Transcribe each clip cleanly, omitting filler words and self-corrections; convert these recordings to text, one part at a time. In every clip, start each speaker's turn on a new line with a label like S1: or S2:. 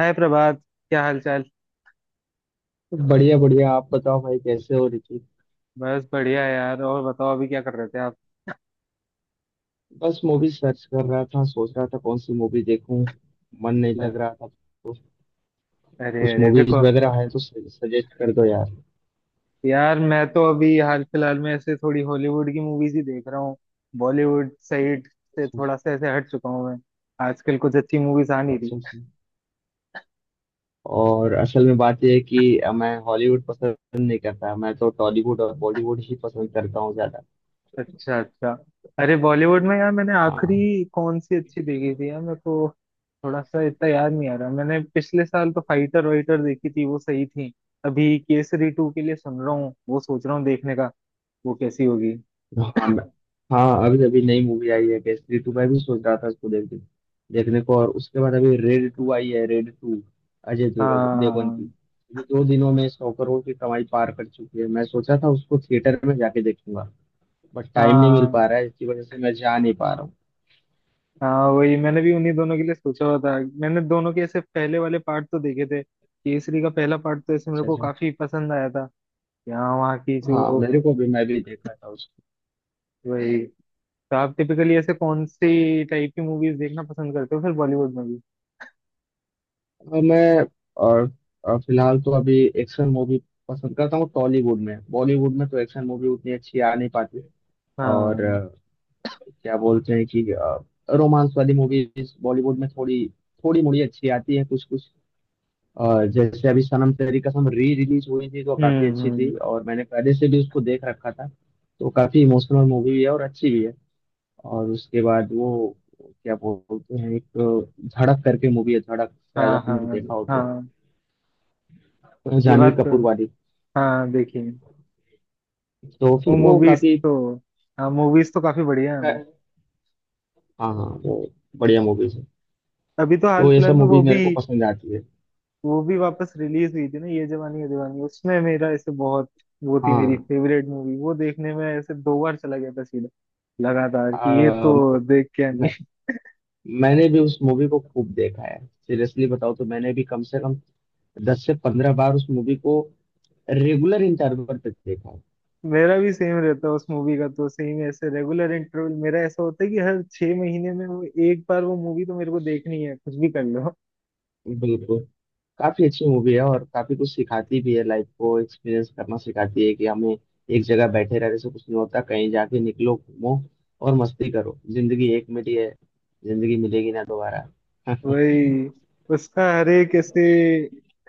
S1: हाय प्रभात। क्या हाल चाल।
S2: बढ़िया बढ़िया, आप बताओ भाई, कैसे हो रिकी?
S1: बस बढ़िया यार। और बताओ अभी क्या कर रहे थे आप।
S2: बस मूवी सर्च कर रहा था, सोच रहा था कौन सी मूवी देखूं। मन नहीं लग रहा था, तो
S1: अरे
S2: कुछ
S1: अरे
S2: मूवीज
S1: देखो।
S2: वगैरह है तो सजेस्ट कर दो यार।
S1: यार मैं तो अभी हाल फिलहाल में ऐसे थोड़ी हॉलीवुड की मूवीज ही देख रहा हूँ। बॉलीवुड साइड से
S2: अच्छा
S1: थोड़ा सा ऐसे हट चुका हूँ मैं। आजकल कुछ अच्छी मूवीज आ नहीं रही।
S2: अच्छा। और असल में बात यह है कि मैं हॉलीवुड पसंद नहीं करता, मैं तो टॉलीवुड और बॉलीवुड ही पसंद करता हूँ ज्यादा।
S1: अच्छा अच्छा। अरे बॉलीवुड में यार मैंने
S2: हाँ
S1: आखिरी कौन सी अच्छी देखी थी यार, मेरे को थोड़ा सा इतना याद नहीं आ रहा। मैंने पिछले साल तो फाइटर वाइटर देखी थी, वो सही थी। अभी केसरी टू के लिए सुन रहा हूँ, वो सोच रहा हूँ देखने का। वो कैसी होगी।
S2: हाँ हाँ, अभी अभी नई मूवी आई है केसरी टू, मैं भी सोच रहा था उसको देखने देखने को, और उसके बाद अभी रेड टू आई है। रेड टू, देवगन की।
S1: हाँ,
S2: ये दो दिनों में 100 करोड़ की कमाई पार कर चुकी है। मैं सोचा था उसको थिएटर में जाके देखूंगा, बट टाइम नहीं मिल
S1: हाँ,
S2: पा रहा है, इसकी वजह से मैं जा नहीं पा रहा हूँ।
S1: हाँ। वही मैंने भी उन्हीं दोनों के लिए सोचा हुआ था। मैंने दोनों के ऐसे पहले वाले पार्ट तो देखे थे। केसरी का पहला पार्ट तो ऐसे मेरे
S2: अच्छा
S1: को
S2: अच्छा।
S1: काफी पसंद आया था। यहाँ वहाँ की जो
S2: हाँ, मेरे को भी, मैं भी देखा था उसको।
S1: वही। तो आप टिपिकली ऐसे कौन सी टाइप की मूवीज देखना पसंद करते हो फिर बॉलीवुड में भी।
S2: और मैं और, और फिलहाल तो अभी एक्शन मूवी पसंद करता हूँ। टॉलीवुड में, बॉलीवुड में तो एक्शन मूवी उतनी अच्छी आ नहीं पाती। और
S1: हाँ।
S2: क्या बोलते हैं कि रोमांस वाली मूवीज बॉलीवुड में थोड़ी थोड़ी मोड़ी अच्छी आती है, कुछ कुछ। जैसे अभी सनम तेरी कसम री रिलीज हुई थी, तो काफी
S1: हम्म,
S2: अच्छी थी,
S1: हम्म।
S2: और मैंने पहले से भी उसको देख रखा था। तो काफी इमोशनल मूवी भी है और अच्छी भी है। और उसके बाद वो क्या बोलते हैं, एक धड़क करके मूवी है, धड़क, शायद
S1: हाँ, हाँ,
S2: आपने देखा हो तो,
S1: हाँ। ये
S2: जानवी
S1: बात तो
S2: कपूर वाली।
S1: हाँ, देखिए।
S2: तो
S1: वो
S2: फिर वो
S1: मूवीज
S2: काफी,
S1: तो, हाँ, मूवीज तो काफी बढ़िया है।
S2: हाँ हाँ, वो बढ़िया मूवीज है।
S1: अभी तो हाल
S2: तो ये
S1: फिलहाल
S2: सब
S1: में वो
S2: मूवीज मेरे
S1: भी
S2: को पसंद आती है।
S1: वो भी वापस रिलीज हुई थी ना ये जवानी है दीवानी। उसमें मेरा ऐसे बहुत, वो थी मेरी
S2: हाँ।
S1: Favourite movie. वो देखने में ऐसे 2 बार चला गया था सीधा लगातार कि ये
S2: आ,
S1: तो
S2: मैं,
S1: देख के आनी है।
S2: मैंने भी उस मूवी को खूब देखा है। सीरियसली बताओ, तो मैंने भी कम से कम 10 से 15 बार उस मूवी को रेगुलर इंटरवल पे देखा
S1: मेरा भी सेम रहता है। उस मूवी का तो सेम ऐसे रेगुलर इंटरवल मेरा ऐसा होता है कि हर 6 महीने में वो एक बार वो मूवी तो मेरे को देखनी है, कुछ भी कर लो।
S2: है। बिल्कुल, काफी अच्छी मूवी है और काफी कुछ सिखाती भी है। लाइफ को एक्सपीरियंस करना सिखाती है, कि हमें एक जगह बैठे रहने से कुछ नहीं होता, कहीं जाके निकलो घूमो और मस्ती करो, जिंदगी एक मिली है। जिंदगी मिलेगी ना दोबारा।
S1: वही, उसका हर एक ऐसे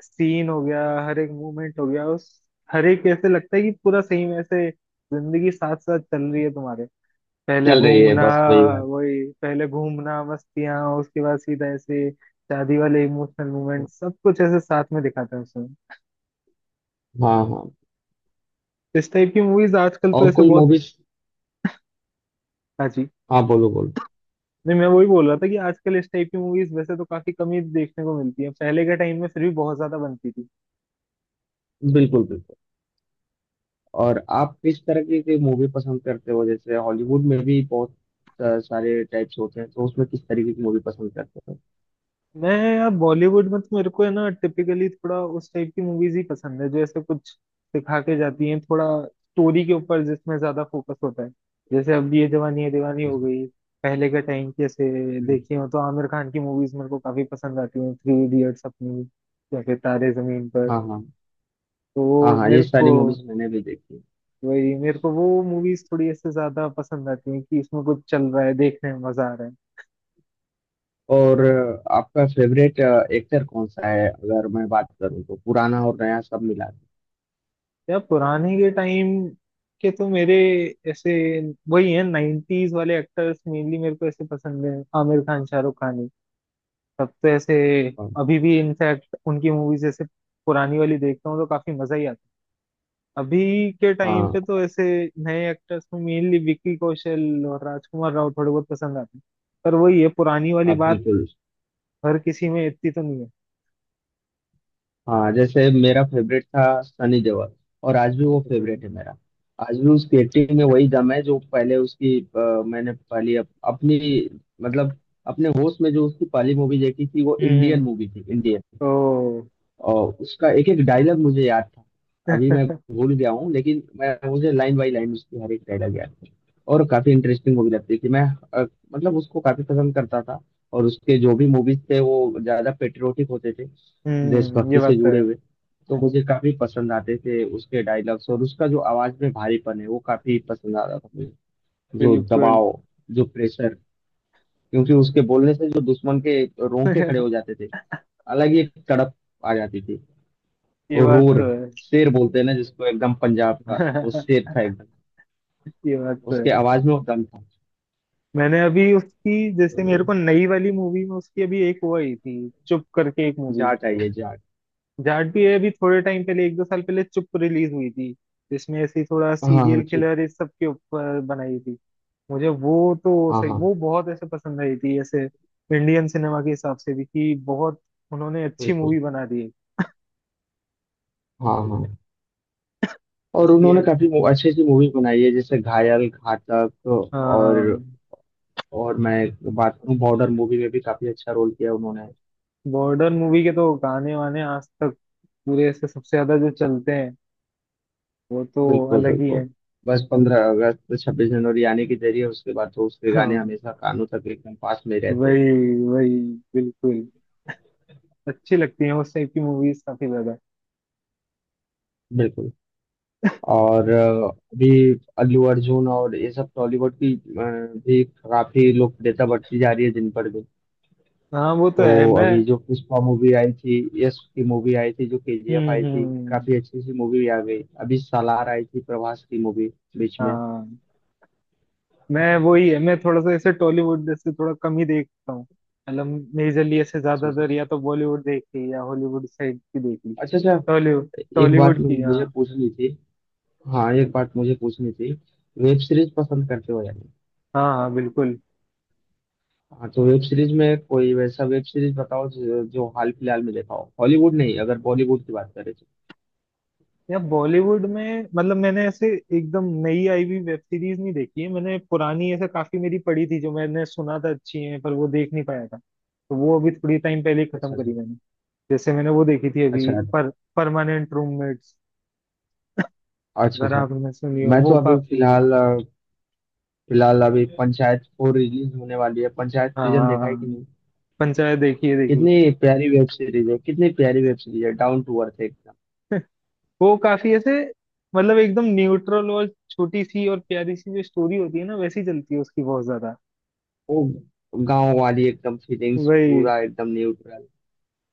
S1: सीन हो गया, हर एक मूवमेंट हो गया उस, हर एक ऐसे लगता है कि पूरा सेम ऐसे जिंदगी साथ साथ चल रही है तुम्हारे पहले
S2: चल रही है,
S1: घूमना,
S2: बस वही बात।
S1: वही पहले घूमना मस्तियाँ, उसके बाद सीधा ऐसे शादी वाले इमोशनल मोमेंट सब कुछ ऐसे साथ में दिखाता है उसमें।
S2: हाँ हाँ।
S1: इस टाइप की मूवीज आजकल तो
S2: और
S1: ऐसे
S2: कोई
S1: बहुत।
S2: मूवीज।
S1: हाँ जी।
S2: हाँ बोलो बोलो।
S1: नहीं, मैं वही बोल रहा था कि आजकल इस टाइप की मूवीज वैसे तो काफी कम ही देखने को मिलती है। पहले के टाइम में फिर भी बहुत ज्यादा बनती थी।
S2: बिल्कुल बिल्कुल। और आप किस तरह की मूवी पसंद करते हो? जैसे हॉलीवुड में भी बहुत सारे टाइप्स होते हैं, तो उसमें किस तरीके की मूवी पसंद करते हो?
S1: मैं यार बॉलीवुड में तो मेरे को है ना टिपिकली थोड़ा उस टाइप की मूवीज ही पसंद है जो ऐसे कुछ सिखा के जाती हैं, थोड़ा स्टोरी के ऊपर जिसमें ज्यादा फोकस होता है। जैसे अब ये जवानी है दीवानी हो
S2: जैसे-
S1: गई, पहले के टाइम की ऐसे
S2: हम्म।
S1: देखी हो तो आमिर खान की मूवीज मेरे को काफी पसंद आती हैं, थ्री इडियट्स अपनी, या फिर तारे जमीन पर।
S2: हाँ हाँ
S1: तो
S2: हाँ
S1: वो
S2: हाँ, ये
S1: मेरे को,
S2: सारी मूवीज मैंने भी देखी।
S1: वही मेरे को वो मूवीज थोड़ी ऐसे ज्यादा पसंद आती हैं कि इसमें कुछ चल रहा है, देखने में मजा आ रहा है।
S2: और आपका फेवरेट एक्टर कौन सा है, अगर मैं बात करूँ तो, पुराना और नया सब मिला के?
S1: यार पुराने के टाइम के तो मेरे ऐसे वही है 90s वाले एक्टर्स मेनली मेरे को ऐसे पसंद है। आमिर खान, शाहरुख खान ही तब तो ऐसे।
S2: हाँ
S1: अभी भी इनफैक्ट उनकी मूवीज ऐसे पुरानी वाली देखता हूँ तो काफी मजा ही आता है। अभी के टाइम पे
S2: हाँ
S1: तो ऐसे नए एक्टर्स में मेनली विक्की कौशल और राजकुमार राव थोड़े बहुत पसंद आते हैं। पर वही है पुरानी वाली
S2: हाँ
S1: बात,
S2: बिल्कुल।
S1: हर किसी में इतनी तो नहीं है।
S2: हाँ, जैसे मेरा फेवरेट था सनी देओल, और आज भी वो
S1: हम्म।
S2: फेवरेट है मेरा। आज भी उसकी एक्टिंग में वही दम है, जो पहले उसकी, मैंने पहली अपनी मतलब अपने होश में जो उसकी पहली मूवी देखी थी, वो इंडियन
S1: हम्म,
S2: मूवी थी, इंडियन।
S1: ओ
S2: और उसका एक एक डायलॉग मुझे याद था। अभी मैं भूल गया हूँ, लेकिन मैं मुझे लाइन बाई लाइन उसकी हर एक डायलॉग याद। और काफी इंटरेस्टिंग मूवी लगती थी। अ, मतलब उसको काफी पसंद करता था। और उसके जो भी मूवीज थे वो ज्यादा पेट्रियोटिक होते थे,
S1: हम्म, ये
S2: देशभक्ति से
S1: बात तो
S2: जुड़े
S1: है।
S2: हुए। तो मुझे काफी पसंद आते थे उसके डायलॉग्स। और उसका जो आवाज में भारीपन है वो काफी पसंद आता था मुझे। जो
S1: बिल्कुल।
S2: दबाव, जो प्रेशर, क्योंकि उसके बोलने से जो दुश्मन के रोंगटे खड़े हो जाते थे, अलग ही एक तड़प आ जाती थी।
S1: ये
S2: और
S1: बात
S2: रोर,
S1: तो है।
S2: शेर बोलते हैं ना जिसको, एकदम पंजाब का वो शेर था एकदम।
S1: ये बात तो है।
S2: उसके आवाज में वो दम था।
S1: मैंने अभी उसकी जैसे
S2: तो
S1: मेरे
S2: ये
S1: को नई वाली मूवी में उसकी अभी एक वो आई थी चुप करके, एक मूवी
S2: जा चाहिए जा।
S1: जाट भी है। अभी थोड़े टाइम पहले एक दो साल पहले चुप रिलीज हुई थी, जिसमें ऐसी थोड़ा
S2: हाँ हाँ हाँ,
S1: सीरियल
S2: चुप।
S1: किलर इस सब के ऊपर बनाई थी। मुझे वो तो
S2: हाँ
S1: सही,
S2: हाँ
S1: वो बहुत ऐसे पसंद आई थी ऐसे इंडियन सिनेमा के हिसाब से भी कि बहुत उन्होंने अच्छी
S2: बिल्कुल।
S1: मूवी बना दी है।
S2: हाँ हाँ। और
S1: उसकी
S2: उन्होंने
S1: एक,
S2: काफी अच्छी अच्छी मूवी बनाई है, जैसे घायल, घातक। और
S1: हाँ।
S2: और मैं बात करूँ, बॉर्डर मूवी में भी काफी अच्छा रोल किया उन्होंने।
S1: बॉर्डर मूवी के तो गाने वाने आज तक पूरे से सबसे ज्यादा जो चलते हैं, वो तो
S2: बिल्कुल
S1: अलग ही
S2: बिल्कुल।
S1: है।
S2: बस 15 अगस्त, 26 जनवरी आने के जरिए उसके बाद तो उसके गाने
S1: हाँ,
S2: हमेशा कानों तक एकदम पास में रहते।
S1: वही, वही। बिल्कुल। अच्छी लगती है उस टाइप की मूवीज काफी ज्यादा।
S2: बिल्कुल। और अभी अल्लू अर्जुन और ये सब टॉलीवुड की भी काफी लोकप्रियता बढ़ती जा रही है दिन पर दिन।
S1: हाँ वो तो
S2: तो
S1: है मैं।
S2: अभी जो पुष्पा मूवी आई थी, यश की मूवी आई थी जो केजीएफ
S1: हम्म,
S2: आई थी,
S1: हम्म।
S2: काफी अच्छी सी मूवी भी आ गई, अभी सालार आई थी, प्रभास की मूवी, बीच में।
S1: हाँ। मैं वही है, मैं थोड़ा सा ऐसे टॉलीवुड जैसे थोड़ा कम ही देखता हूँ मतलब। मेजरली ऐसे
S2: अच्छे से।
S1: ज्यादातर या तो बॉलीवुड देख ली या हॉलीवुड साइड की देख ली।
S2: अच्छा अच्छा।
S1: टॉलीवुड,
S2: एक
S1: टॉलीवुड
S2: बात
S1: की
S2: मुझे
S1: हाँ।
S2: पूछनी थी। हाँ, एक बात मुझे पूछनी थी। वेब सीरीज पसंद करते हो या नहीं?
S1: हाँ, हाँ, बिल्कुल।
S2: हाँ, तो वेब सीरीज में कोई वैसा वेब सीरीज बताओ जो हाल फिलहाल में देखा हो, हॉलीवुड नहीं, अगर बॉलीवुड की बात करें तो।
S1: या बॉलीवुड में मतलब मैंने ऐसे एकदम नई आई हुई वेब सीरीज नहीं देखी है। मैंने पुरानी ऐसे काफी मेरी पड़ी थी जो मैंने सुना था अच्छी है, पर वो देख नहीं पाया था। तो वो अभी थोड़ी टाइम पहले ही खत्म
S2: अच्छा अच्छा
S1: करी मैंने। जैसे मैंने वो देखी थी अभी,
S2: अच्छा
S1: पर परमानेंट रूममेट्स,
S2: अच्छा
S1: अगर
S2: अच्छा।
S1: आपने सुनी हो
S2: मैं तो
S1: वो
S2: अभी
S1: काफी।
S2: फिलहाल फिलहाल अभी पंचायत 4 रिलीज होने वाली है। पंचायत सीजन देखा है कि
S1: हाँ,
S2: नहीं?
S1: पंचायत देखी है, देखी।
S2: कितनी प्यारी वेब सीरीज है, कितनी प्यारी वेब सीरीज है, डाउन टू अर्थ एकदम।
S1: वो काफी ऐसे, मतलब एकदम न्यूट्रल और छोटी सी और प्यारी सी जो स्टोरी होती है ना, वैसी चलती है उसकी बहुत ज्यादा।
S2: वो गांव वाली एकदम फीलिंग्स,
S1: वही,
S2: पूरा एकदम न्यूट्रल।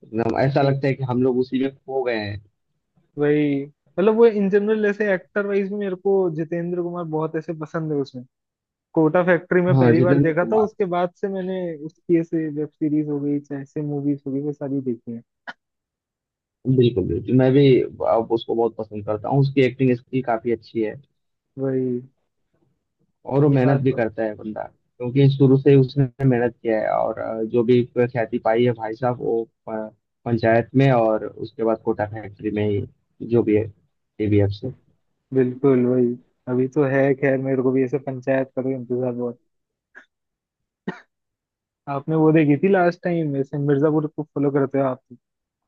S2: एकदम ऐसा
S1: वही,
S2: लगता है कि हम लोग उसी में खो गए हैं।
S1: वही। मतलब वो इन जनरल ऐसे एक्टर वाइज भी मेरे को जितेंद्र कुमार बहुत ऐसे पसंद है। उसमें कोटा फैक्ट्री में
S2: हाँ,
S1: पहली बार
S2: जितेंद्र
S1: देखा था,
S2: कुमार।
S1: उसके बाद से मैंने उसकी ऐसे वेब सीरीज हो गई चाहे ऐसे मूवीज हो गई वो सारी देखी है।
S2: बिल्कुल बिल्कुल, मैं भी अब उसको बहुत पसंद करता हूँ, उसकी एक्टिंग स्किल काफी अच्छी है।
S1: वही,
S2: और वो
S1: ये
S2: मेहनत
S1: बात
S2: भी
S1: तो-
S2: करता है बंदा, क्योंकि शुरू से ही उसने मेहनत किया है, और जो भी ख्याति पाई है भाई साहब, वो प- पंचायत में और उसके बाद कोटा फैक्ट्री में ही, जो भी है, एबीएफ से।
S1: बिल्कुल वही। अभी तो है खैर, मेरे को भी ऐसे पंचायत का तो इंतजार बहुत। आपने वो देखी थी लास्ट टाइम? वैसे मिर्जापुर को फॉलो करते हो आप तो।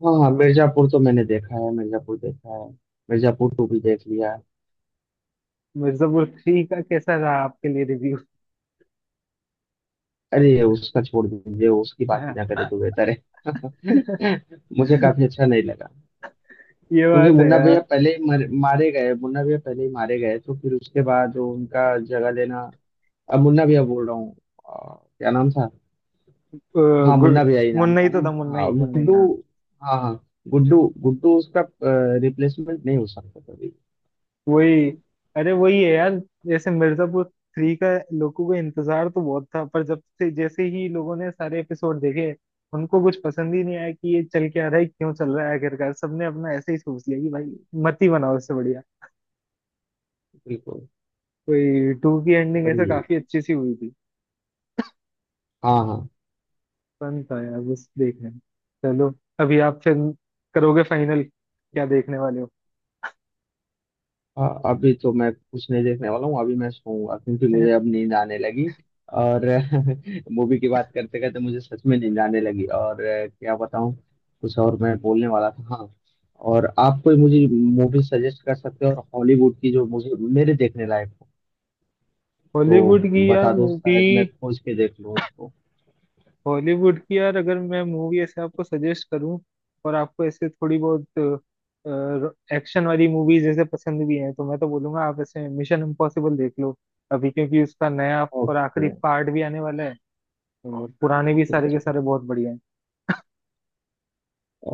S2: हाँ हाँ, मिर्जापुर तो मैंने देखा है, मिर्जापुर देखा है। मिर्जापुर टू भी देख लिया।
S1: मिर्जापुर थ्री का कैसा रहा आपके लिए रिव्यू?
S2: अरे उसका छोड़ दीजिए, उसकी बात ही
S1: हाँ।
S2: ना करे तो बेहतर है। मुझे काफी अच्छा नहीं लगा,
S1: ये
S2: क्योंकि
S1: बात है
S2: मुन्ना
S1: यार।
S2: भैया पहले ही मारे गए। मुन्ना भैया पहले ही मारे गए, तो फिर उसके बाद वो उनका जगह लेना। अब मुन्ना भैया बोल रहा हूँ, क्या नाम था?
S1: अ,
S2: हाँ,
S1: गु-
S2: मुन्ना भाई नाम
S1: मुन्ना ही
S2: था
S1: तो
S2: ना?
S1: था, मुन्ना
S2: हाँ,
S1: ही, मुन्ना ही।
S2: गुड्डू। हाँ हाँ, गुड्डू, गुड्डू। उसका रिप्लेसमेंट नहीं हो सकता कभी।
S1: वही, अरे वही है यार। जैसे मिर्जापुर थ्री का लोगों को इंतजार तो बहुत था, पर जब से जैसे ही लोगों ने सारे एपिसोड देखे, उनको कुछ पसंद ही नहीं आया कि ये चल क्या रहा है, क्यों चल रहा है। आखिरकार सबने अपना ऐसे ही सोच लिया कि भाई, मत ही बनाओ, इससे बढ़िया।
S2: बिल्कुल,
S1: कोई टू की एंडिंग ऐसे
S2: वही।
S1: काफी अच्छी सी हुई थी।
S2: हाँ हाँ।
S1: फन था यार बस देखने में। चलो, अभी आप फिर करोगे फाइनल, क्या देखने वाले हो?
S2: अभी तो मैं कुछ नहीं देखने वाला हूँ, अभी मैं सोऊंगा, क्योंकि मुझे अब नींद आने लगी। और मूवी की बात करते करते मुझे सच में नींद आने लगी, और क्या बताऊँ। कुछ और मैं बोलने वाला था, हाँ। और आप कोई मुझे मूवी सजेस्ट कर सकते हो, और हॉलीवुड की जो मुझे, मेरे देखने लायक हो, तो
S1: हॉलीवुड की यार
S2: बता दो,
S1: मूवी।
S2: शायद मैं खोज के देख लूँ।
S1: हॉलीवुड की यार अगर मैं मूवी ऐसे आपको सजेस्ट करूं और आपको ऐसे थोड़ी बहुत एक्शन वाली मूवीज जैसे पसंद भी हैं तो मैं तो बोलूंगा आप ऐसे मिशन इम्पॉसिबल देख लो अभी, क्योंकि उसका नया और आखिरी
S2: ओके।
S1: पार्ट भी आने वाला है। और पुराने भी
S2: ठीक
S1: सारे के
S2: ठीक।
S1: सारे बहुत बढ़िया हैं।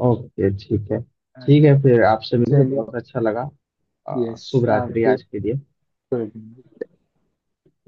S2: ओके, ठीक है।
S1: हाँ
S2: ठीक
S1: जी।
S2: है, फिर आपसे मिलकर
S1: चलिए।
S2: बहुत अच्छा लगा।
S1: यस।
S2: शुभ रात्रि
S1: आपके।
S2: आज के लिए।